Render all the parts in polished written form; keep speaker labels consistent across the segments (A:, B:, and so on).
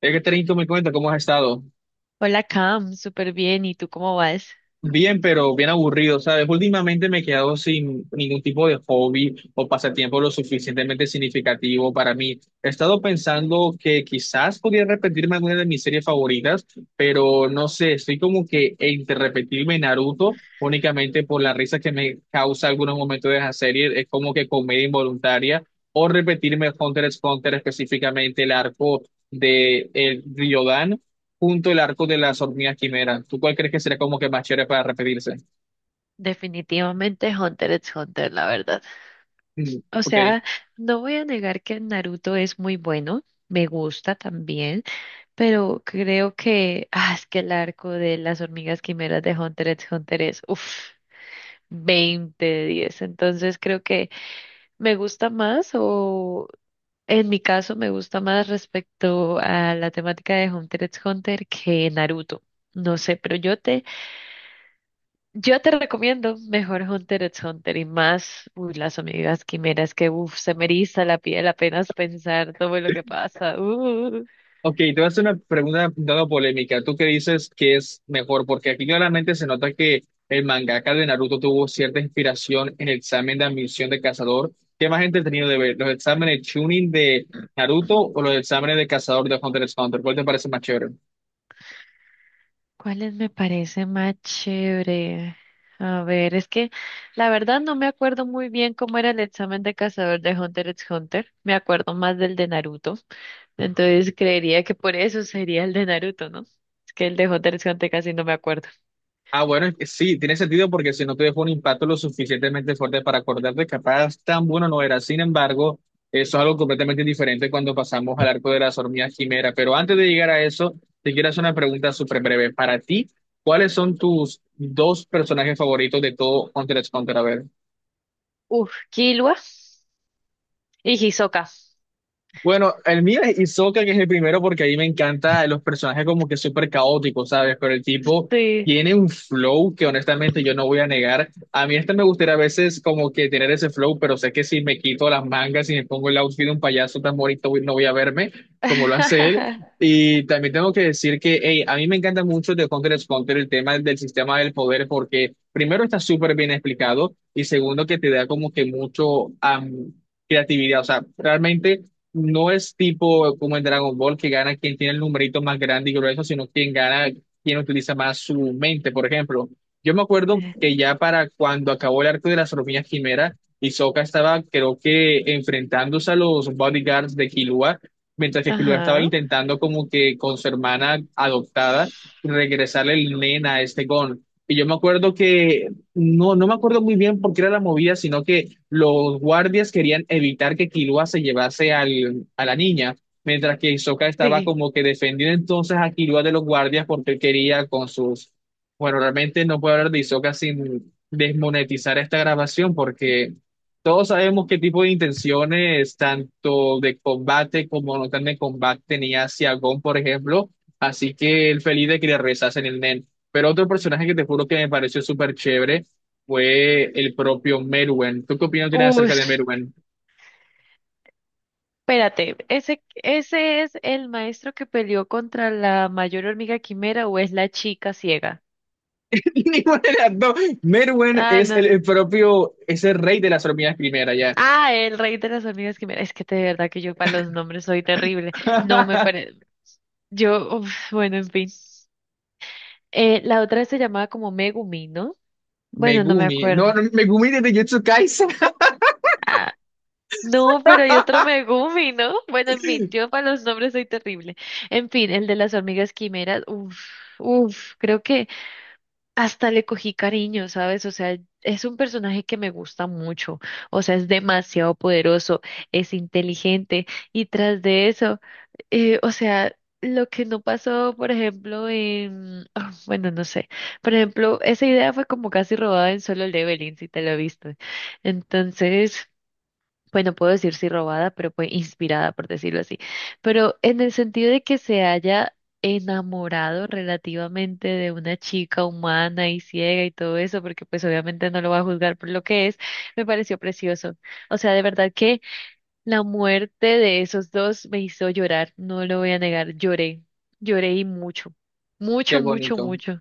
A: Es que Trento me cuenta cómo has estado.
B: Hola Cam, súper bien. ¿Y tú cómo vas?
A: Bien, pero bien aburrido, ¿sabes? Últimamente me he quedado sin ningún tipo de hobby o pasatiempo lo suficientemente significativo para mí. He estado pensando que quizás podría repetirme alguna de mis series favoritas, pero no sé, estoy como que entre repetirme Naruto únicamente por la risa que me causa algunos momentos de esa serie, es como que comedia involuntaria, o repetirme Hunter x Hunter específicamente el arco de el Ryodan junto el arco de las hormigas quimera. ¿Tú cuál crees que sería como que más chévere para repetirse?
B: Definitivamente Hunter x Hunter, la verdad.
A: Mm,
B: O
A: ok.
B: sea, no voy a negar que Naruto es muy bueno, me gusta también, pero creo que, ah, es que el arco de las hormigas quimeras de Hunter x Hunter es, uff, 20 de 10. Entonces creo que me gusta más o... En mi caso me gusta más respecto a la temática de Hunter x Hunter que Naruto. No sé, pero yo te recomiendo mejor Hunter x Hunter y más, uy, las amigas quimeras que, uff, se me eriza la piel apenas pensar todo lo que pasa.
A: Ok, te voy a hacer una pregunta dando polémica. ¿Tú qué dices que es mejor? Porque aquí claramente se nota que el mangaka de Naruto tuvo cierta inspiración en el examen de admisión de cazador. ¿Qué más entretenido de ver? ¿Los exámenes Chunin de Naruto o los exámenes de cazador de Hunter x Hunter? ¿Cuál te parece más chévere?
B: ¿Cuáles me parece más chévere? A ver, es que la verdad no me acuerdo muy bien cómo era el examen de cazador de Hunter x Hunter. Me acuerdo más del de Naruto. Entonces creería que por eso sería el de Naruto, ¿no? Es que el de Hunter x Hunter casi no me acuerdo.
A: Ah, bueno, es que sí, tiene sentido porque si no te dejó un impacto lo suficientemente fuerte para acordarte, capaz tan bueno no era. Sin embargo, eso es algo completamente diferente cuando pasamos al arco de las hormigas quimera. Pero antes de llegar a eso, te quiero hacer una pregunta súper breve. Para ti, ¿cuáles son tus dos personajes favoritos de todo Hunter x Hunter? A ver.
B: Uf, Killua y Hisoka.
A: Bueno, el mío es Hisoka, que es el primero, porque ahí me encanta los personajes como que súper caóticos, ¿sabes? Pero el tipo
B: Sí.
A: tiene un flow que honestamente yo no voy a negar. A mí este me gustaría a veces como que tener ese flow, pero sé que si me quito las mangas y me pongo el outfit de un payaso tan bonito, no voy a verme como lo hace él. Y también tengo que decir que, hey, a mí me encanta mucho de Hunter x Hunter el tema del sistema del poder, porque primero está súper bien explicado y segundo que te da como que mucho... creatividad, o sea, realmente no es tipo como en Dragon Ball que gana quien tiene el numerito más grande y grueso, sino quien gana, quien utiliza más su mente, por ejemplo. Yo me acuerdo
B: Eh,
A: que ya para cuando acabó el arco de las hormigas quimera, Hisoka estaba, creo que, enfrentándose a los bodyguards de Killua, mientras que Killua estaba
B: Ajá,
A: intentando como que con su hermana adoptada regresarle el nen a este Gon. Y yo me acuerdo que, no, no me acuerdo muy bien por qué era la movida, sino que los guardias querían evitar que Killua se llevase a la niña, mientras que Hisoka estaba
B: sí.
A: como que defendiendo entonces a Killua de los guardias porque él quería con sus... Bueno, realmente no puedo hablar de Hisoka sin desmonetizar esta grabación porque todos sabemos qué tipo de intenciones, tanto de combate como no tan de combate, tenía hacia Gon, por ejemplo. Así que el feliz de que le rezasen el Nen. Pero otro personaje que te juro que me pareció súper chévere fue el propio Merwen. ¿Tú qué opinión tienes
B: Uy,
A: acerca de Merwen?
B: espérate, ¿ese es el maestro que peleó contra la mayor hormiga quimera o es la chica ciega?
A: Ninguna de las dos. Merwen
B: Ah,
A: es el,
B: no.
A: el propio, es el rey de las hormigas primera ya.
B: Ah, el rey de las hormigas quimera. Es que de verdad que yo para los nombres soy terrible. No me parece. Yo, uf, bueno, en fin. La otra se llamaba como Megumi, ¿no? Bueno, no me
A: Megumi.
B: acuerdo.
A: No, no, Megumi de Jujutsu Kaisen.
B: Ah, no, pero hay otro Megumi, ¿no? Bueno, en fin, yo para los nombres soy terrible. En fin, el de las hormigas quimeras, uff, creo que hasta le cogí cariño, ¿sabes? O sea, es un personaje que me gusta mucho, o sea, es demasiado poderoso, es inteligente y tras de eso, o sea, lo que no pasó, por ejemplo, en, ah, bueno, no sé, por ejemplo, esa idea fue como casi robada en Solo Leveling, si te lo viste. Entonces pues no puedo decir si robada, pero pues inspirada, por decirlo así. Pero en el sentido de que se haya enamorado relativamente de una chica humana y ciega y todo eso, porque pues obviamente no lo va a juzgar por lo que es, me pareció precioso. O sea, de verdad que la muerte de esos dos me hizo llorar, no lo voy a negar, lloré, lloré y mucho, mucho,
A: Qué
B: mucho,
A: bonito.
B: mucho.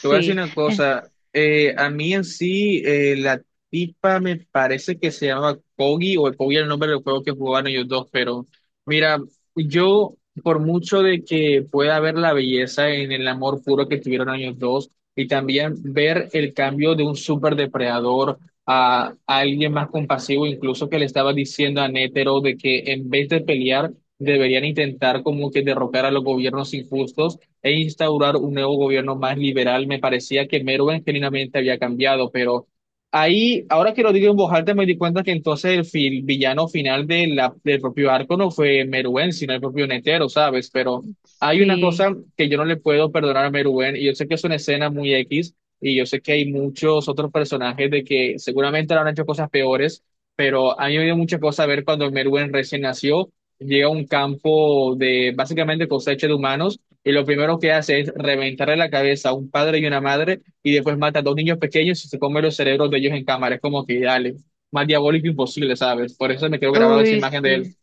A: Te voy a decir una
B: Eh,
A: cosa, a mí en sí la tipa me parece que se llama Kogi o Kogi era el nombre del juego que jugaban ellos dos, pero mira, yo por mucho de que pueda ver la belleza en el amor puro que tuvieron ellos dos y también ver el cambio de un super depredador a alguien más compasivo, incluso que le estaba diciendo a Nétero de que en vez de pelear deberían intentar como que derrocar a los gobiernos injustos e instaurar un nuevo gobierno más liberal. Me parecía que Merwin genuinamente había cambiado, pero ahí, ahora que lo digo en voz alta, me di cuenta que entonces el villano final de del propio arco no fue Merwin, sino el propio Netero, ¿sabes? Pero hay una
B: sí.
A: cosa que yo no le puedo perdonar a Merwin, y yo sé que es una escena muy X, y yo sé que hay muchos otros personajes de que seguramente le han hecho cosas peores, pero a mí me dio mucha cosa ver cuando Merwin recién nació. Llega a un campo de básicamente cosecha de humanos y lo primero que hace es reventarle la cabeza a un padre y una madre y después mata a dos niños pequeños y se come los cerebros de ellos en cámara. Es como que dale, más diabólico imposible, ¿sabes? Por eso me quedo grabada esa
B: Uy,
A: imagen de él.
B: sí.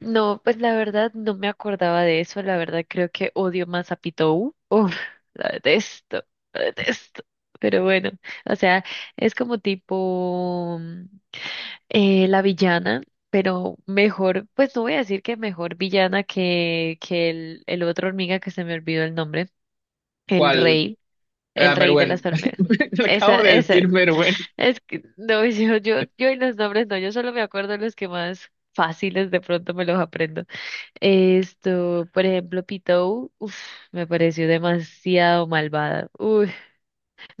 B: No, pues la verdad no me acordaba de eso. La verdad creo que odio más a Pitou. Uf, la detesto, la detesto. Pero bueno, o sea, es como tipo la villana, pero mejor, pues no voy a decir que mejor villana que, que el otro hormiga que se me olvidó el nombre, el
A: ¿Cuál?
B: rey,
A: Ah,
B: el rey de las
A: Meruén.
B: hormigas.
A: Le acabo
B: Esa,
A: de decir
B: ese.
A: Meruén.
B: Es que, no, yo y los nombres no, yo solo me acuerdo los que más fáciles de pronto me los aprendo. Esto, por ejemplo, Pitou, uf, me pareció demasiado malvada. Uy,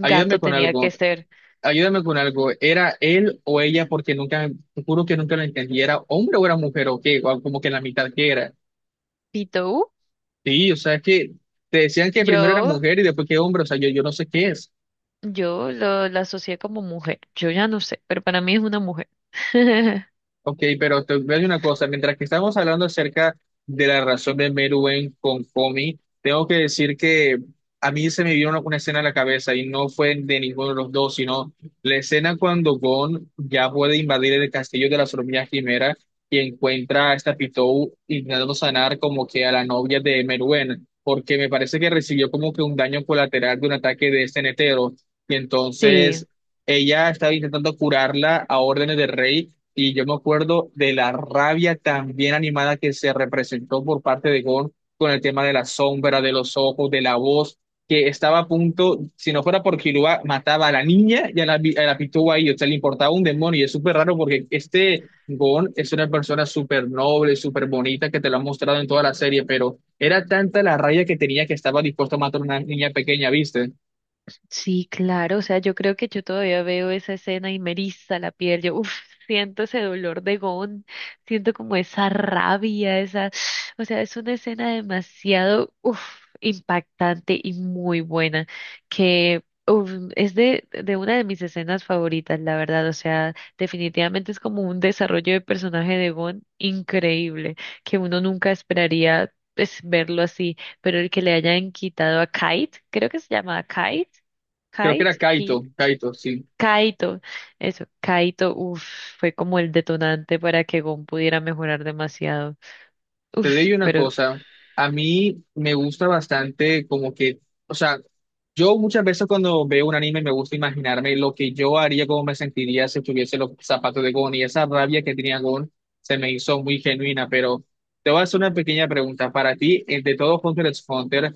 A: Ayúdame con
B: tenía
A: algo.
B: que ser.
A: Ayúdame con algo. ¿Era él o ella? Porque nunca, te juro que nunca lo entendí. ¿Era hombre o era mujer o qué? O como que la mitad que era.
B: Pitou,
A: Sí, o sea, es que te decían que primero era
B: yo,
A: mujer y después que hombre. O sea, yo no sé qué es.
B: yo la asocié como mujer. Yo ya no sé, pero para mí es una mujer.
A: Ok, pero te voy a decir una cosa, mientras que estamos hablando acerca de la relación de Meruem con Komi, tengo que decir que a mí se me vino una escena a la cabeza y no fue de ninguno de los dos, sino la escena cuando Gon ya puede invadir el castillo de la hormigas Quimera y encuentra a esta Pitou intentando sanar como que a la novia de Meruem, porque me parece que recibió como que un daño colateral de un ataque de este netero, y
B: Sí.
A: entonces... Ella estaba intentando curarla a órdenes del rey y yo me acuerdo de la rabia tan bien animada que se representó por parte de Gon con el tema de la sombra, de los ojos, de la voz, que estaba a punto, si no fuera por Killua, mataba a la niña y a a la pitúa ahí, o sea, le importaba un demonio. Y es súper raro porque este Gon es una persona súper noble, súper bonita, que te lo han mostrado en toda la serie, pero era tanta la rabia que tenía que estaba dispuesto a matar a una niña pequeña, ¿viste?
B: Sí, claro, o sea, yo creo que yo todavía veo esa escena y me eriza la piel, yo uf, siento ese dolor de Gon, siento como esa rabia, esa, o sea, es una escena demasiado uf, impactante y muy buena, que uf, es de una de mis escenas favoritas, la verdad, o sea, definitivamente es como un desarrollo de personaje de Gon increíble, que uno nunca esperaría pues, verlo así, pero el que le hayan quitado a Kite, creo que se llama Kite.
A: Creo que era
B: Kite, Ki-
A: Kaito, sí.
B: Kaito, eso, Kaito, uff, fue como el detonante para que Gon pudiera mejorar demasiado.
A: Te
B: Uff,
A: digo una
B: pero,
A: cosa, a mí me gusta bastante como que, o sea, yo muchas veces cuando veo un anime me gusta imaginarme lo que yo haría, cómo me sentiría si tuviese los zapatos de Gon y esa rabia que tenía Gon se me hizo muy genuina, pero te voy a hacer una pequeña pregunta. Para ti, de todo Hunter x Hunter,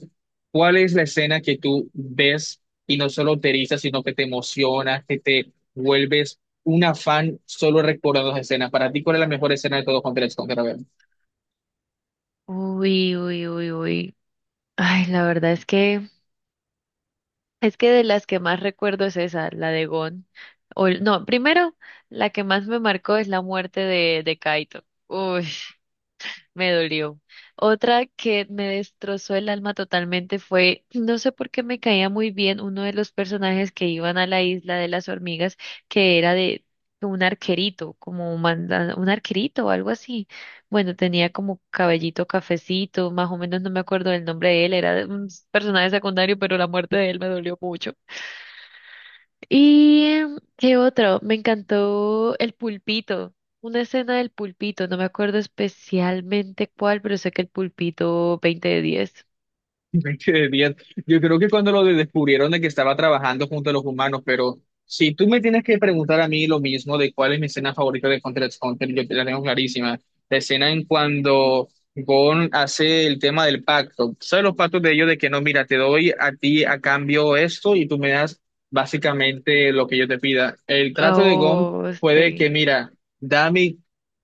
A: ¿cuál es la escena que tú ves y no solo te eriza, sino que te emociona, que te vuelves una fan solo recordando esas escenas? Para ti, ¿cuál es la mejor escena de todo Hunter x Hunter? A ver.
B: uy, uy, uy, uy. Ay, la verdad es que de las que más recuerdo es esa, la de Gon. O, no, primero, la que más me marcó es la muerte de Kaito. Uy, me dolió. Otra que me destrozó el alma totalmente fue, no sé por qué me caía muy bien uno de los personajes que iban a la isla de las hormigas, que era de un arquerito, como un, un arquerito o algo así. Bueno, tenía como cabellito cafecito, más o menos no me acuerdo del nombre de él, era un personaje secundario, pero la muerte de él me dolió mucho. ¿Y qué otro? Me encantó el pulpito, una escena del pulpito, no me acuerdo especialmente cuál, pero sé que el pulpito 20 de 10.
A: Me quedé bien. Yo creo que cuando lo descubrieron de que estaba trabajando junto a los humanos, pero si tú me tienes que preguntar a mí lo mismo de cuál es mi escena favorita de Hunter x Hunter, yo te la tengo clarísima. La escena en cuando Gon hace el tema del pacto. ¿Sabes los pactos de ellos de que no, mira, te doy a ti a cambio esto y tú me das básicamente lo que yo te pida? El trato de Gon
B: Oh,
A: fue de
B: sí,
A: que, mira, dame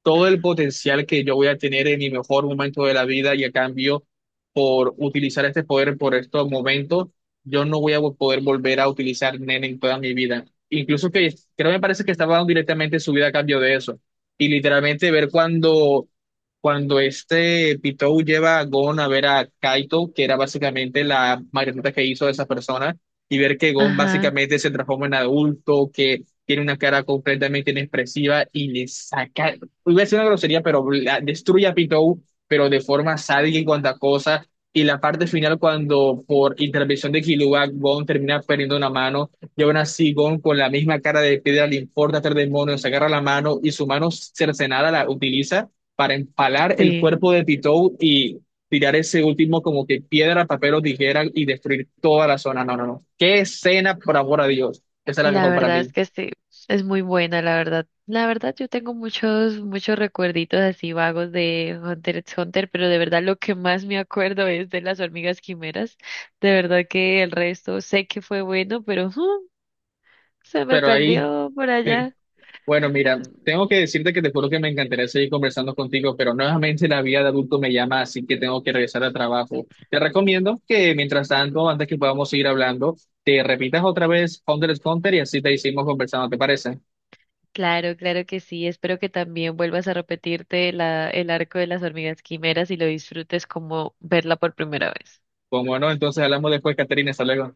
A: todo el potencial que yo voy a tener en mi mejor momento de la vida y a cambio por utilizar este poder por estos momentos, yo no voy a poder volver a utilizar Nen en toda mi vida. Incluso que creo me parece que estaba dando directamente su vida a cambio de eso. Y literalmente ver cuando este Pitou lleva a Gon a ver a Kaito, que era básicamente la marioneta que hizo de esa persona, y ver que Gon
B: ajá,
A: básicamente se transforma en adulto, que tiene una cara completamente inexpresiva y le saca, iba a decir una grosería, pero destruye a Pitou pero de forma sádica y cuanta cosa, y la parte final cuando por intervención de Killua, Gon termina perdiendo una mano y aún así Gon con la misma cara de piedra le importa hacer demonios, agarra la mano y su mano cercenada la utiliza para empalar el
B: sí,
A: cuerpo de Pitou y tirar ese último como que piedra, papel o tijera y destruir toda la zona. No, no, no. Qué escena, por amor a Dios. Esa es la
B: la
A: mejor para
B: verdad es
A: mí.
B: que sí, es muy buena, la verdad. La verdad yo tengo muchos, muchos recuerditos así vagos de Hunter x Hunter, pero de verdad lo que más me acuerdo es de las hormigas quimeras. De verdad que el resto sé que fue bueno, pero ujú, se me
A: Pero ahí,
B: perdió por
A: eh,
B: allá.
A: bueno, mira, tengo que decirte que te juro que me encantaría seguir conversando contigo, pero nuevamente la vida de adulto me llama, así que tengo que regresar al trabajo. Te recomiendo que mientras tanto, antes que podamos seguir hablando, te repitas otra vez Hunter x Hunter y así te hicimos conversando, ¿te parece?
B: Claro, claro que sí. Espero que también vuelvas a repetirte el arco de las hormigas quimeras y lo disfrutes como verla por primera vez.
A: Como no, entonces hablamos después, Caterina, hasta luego.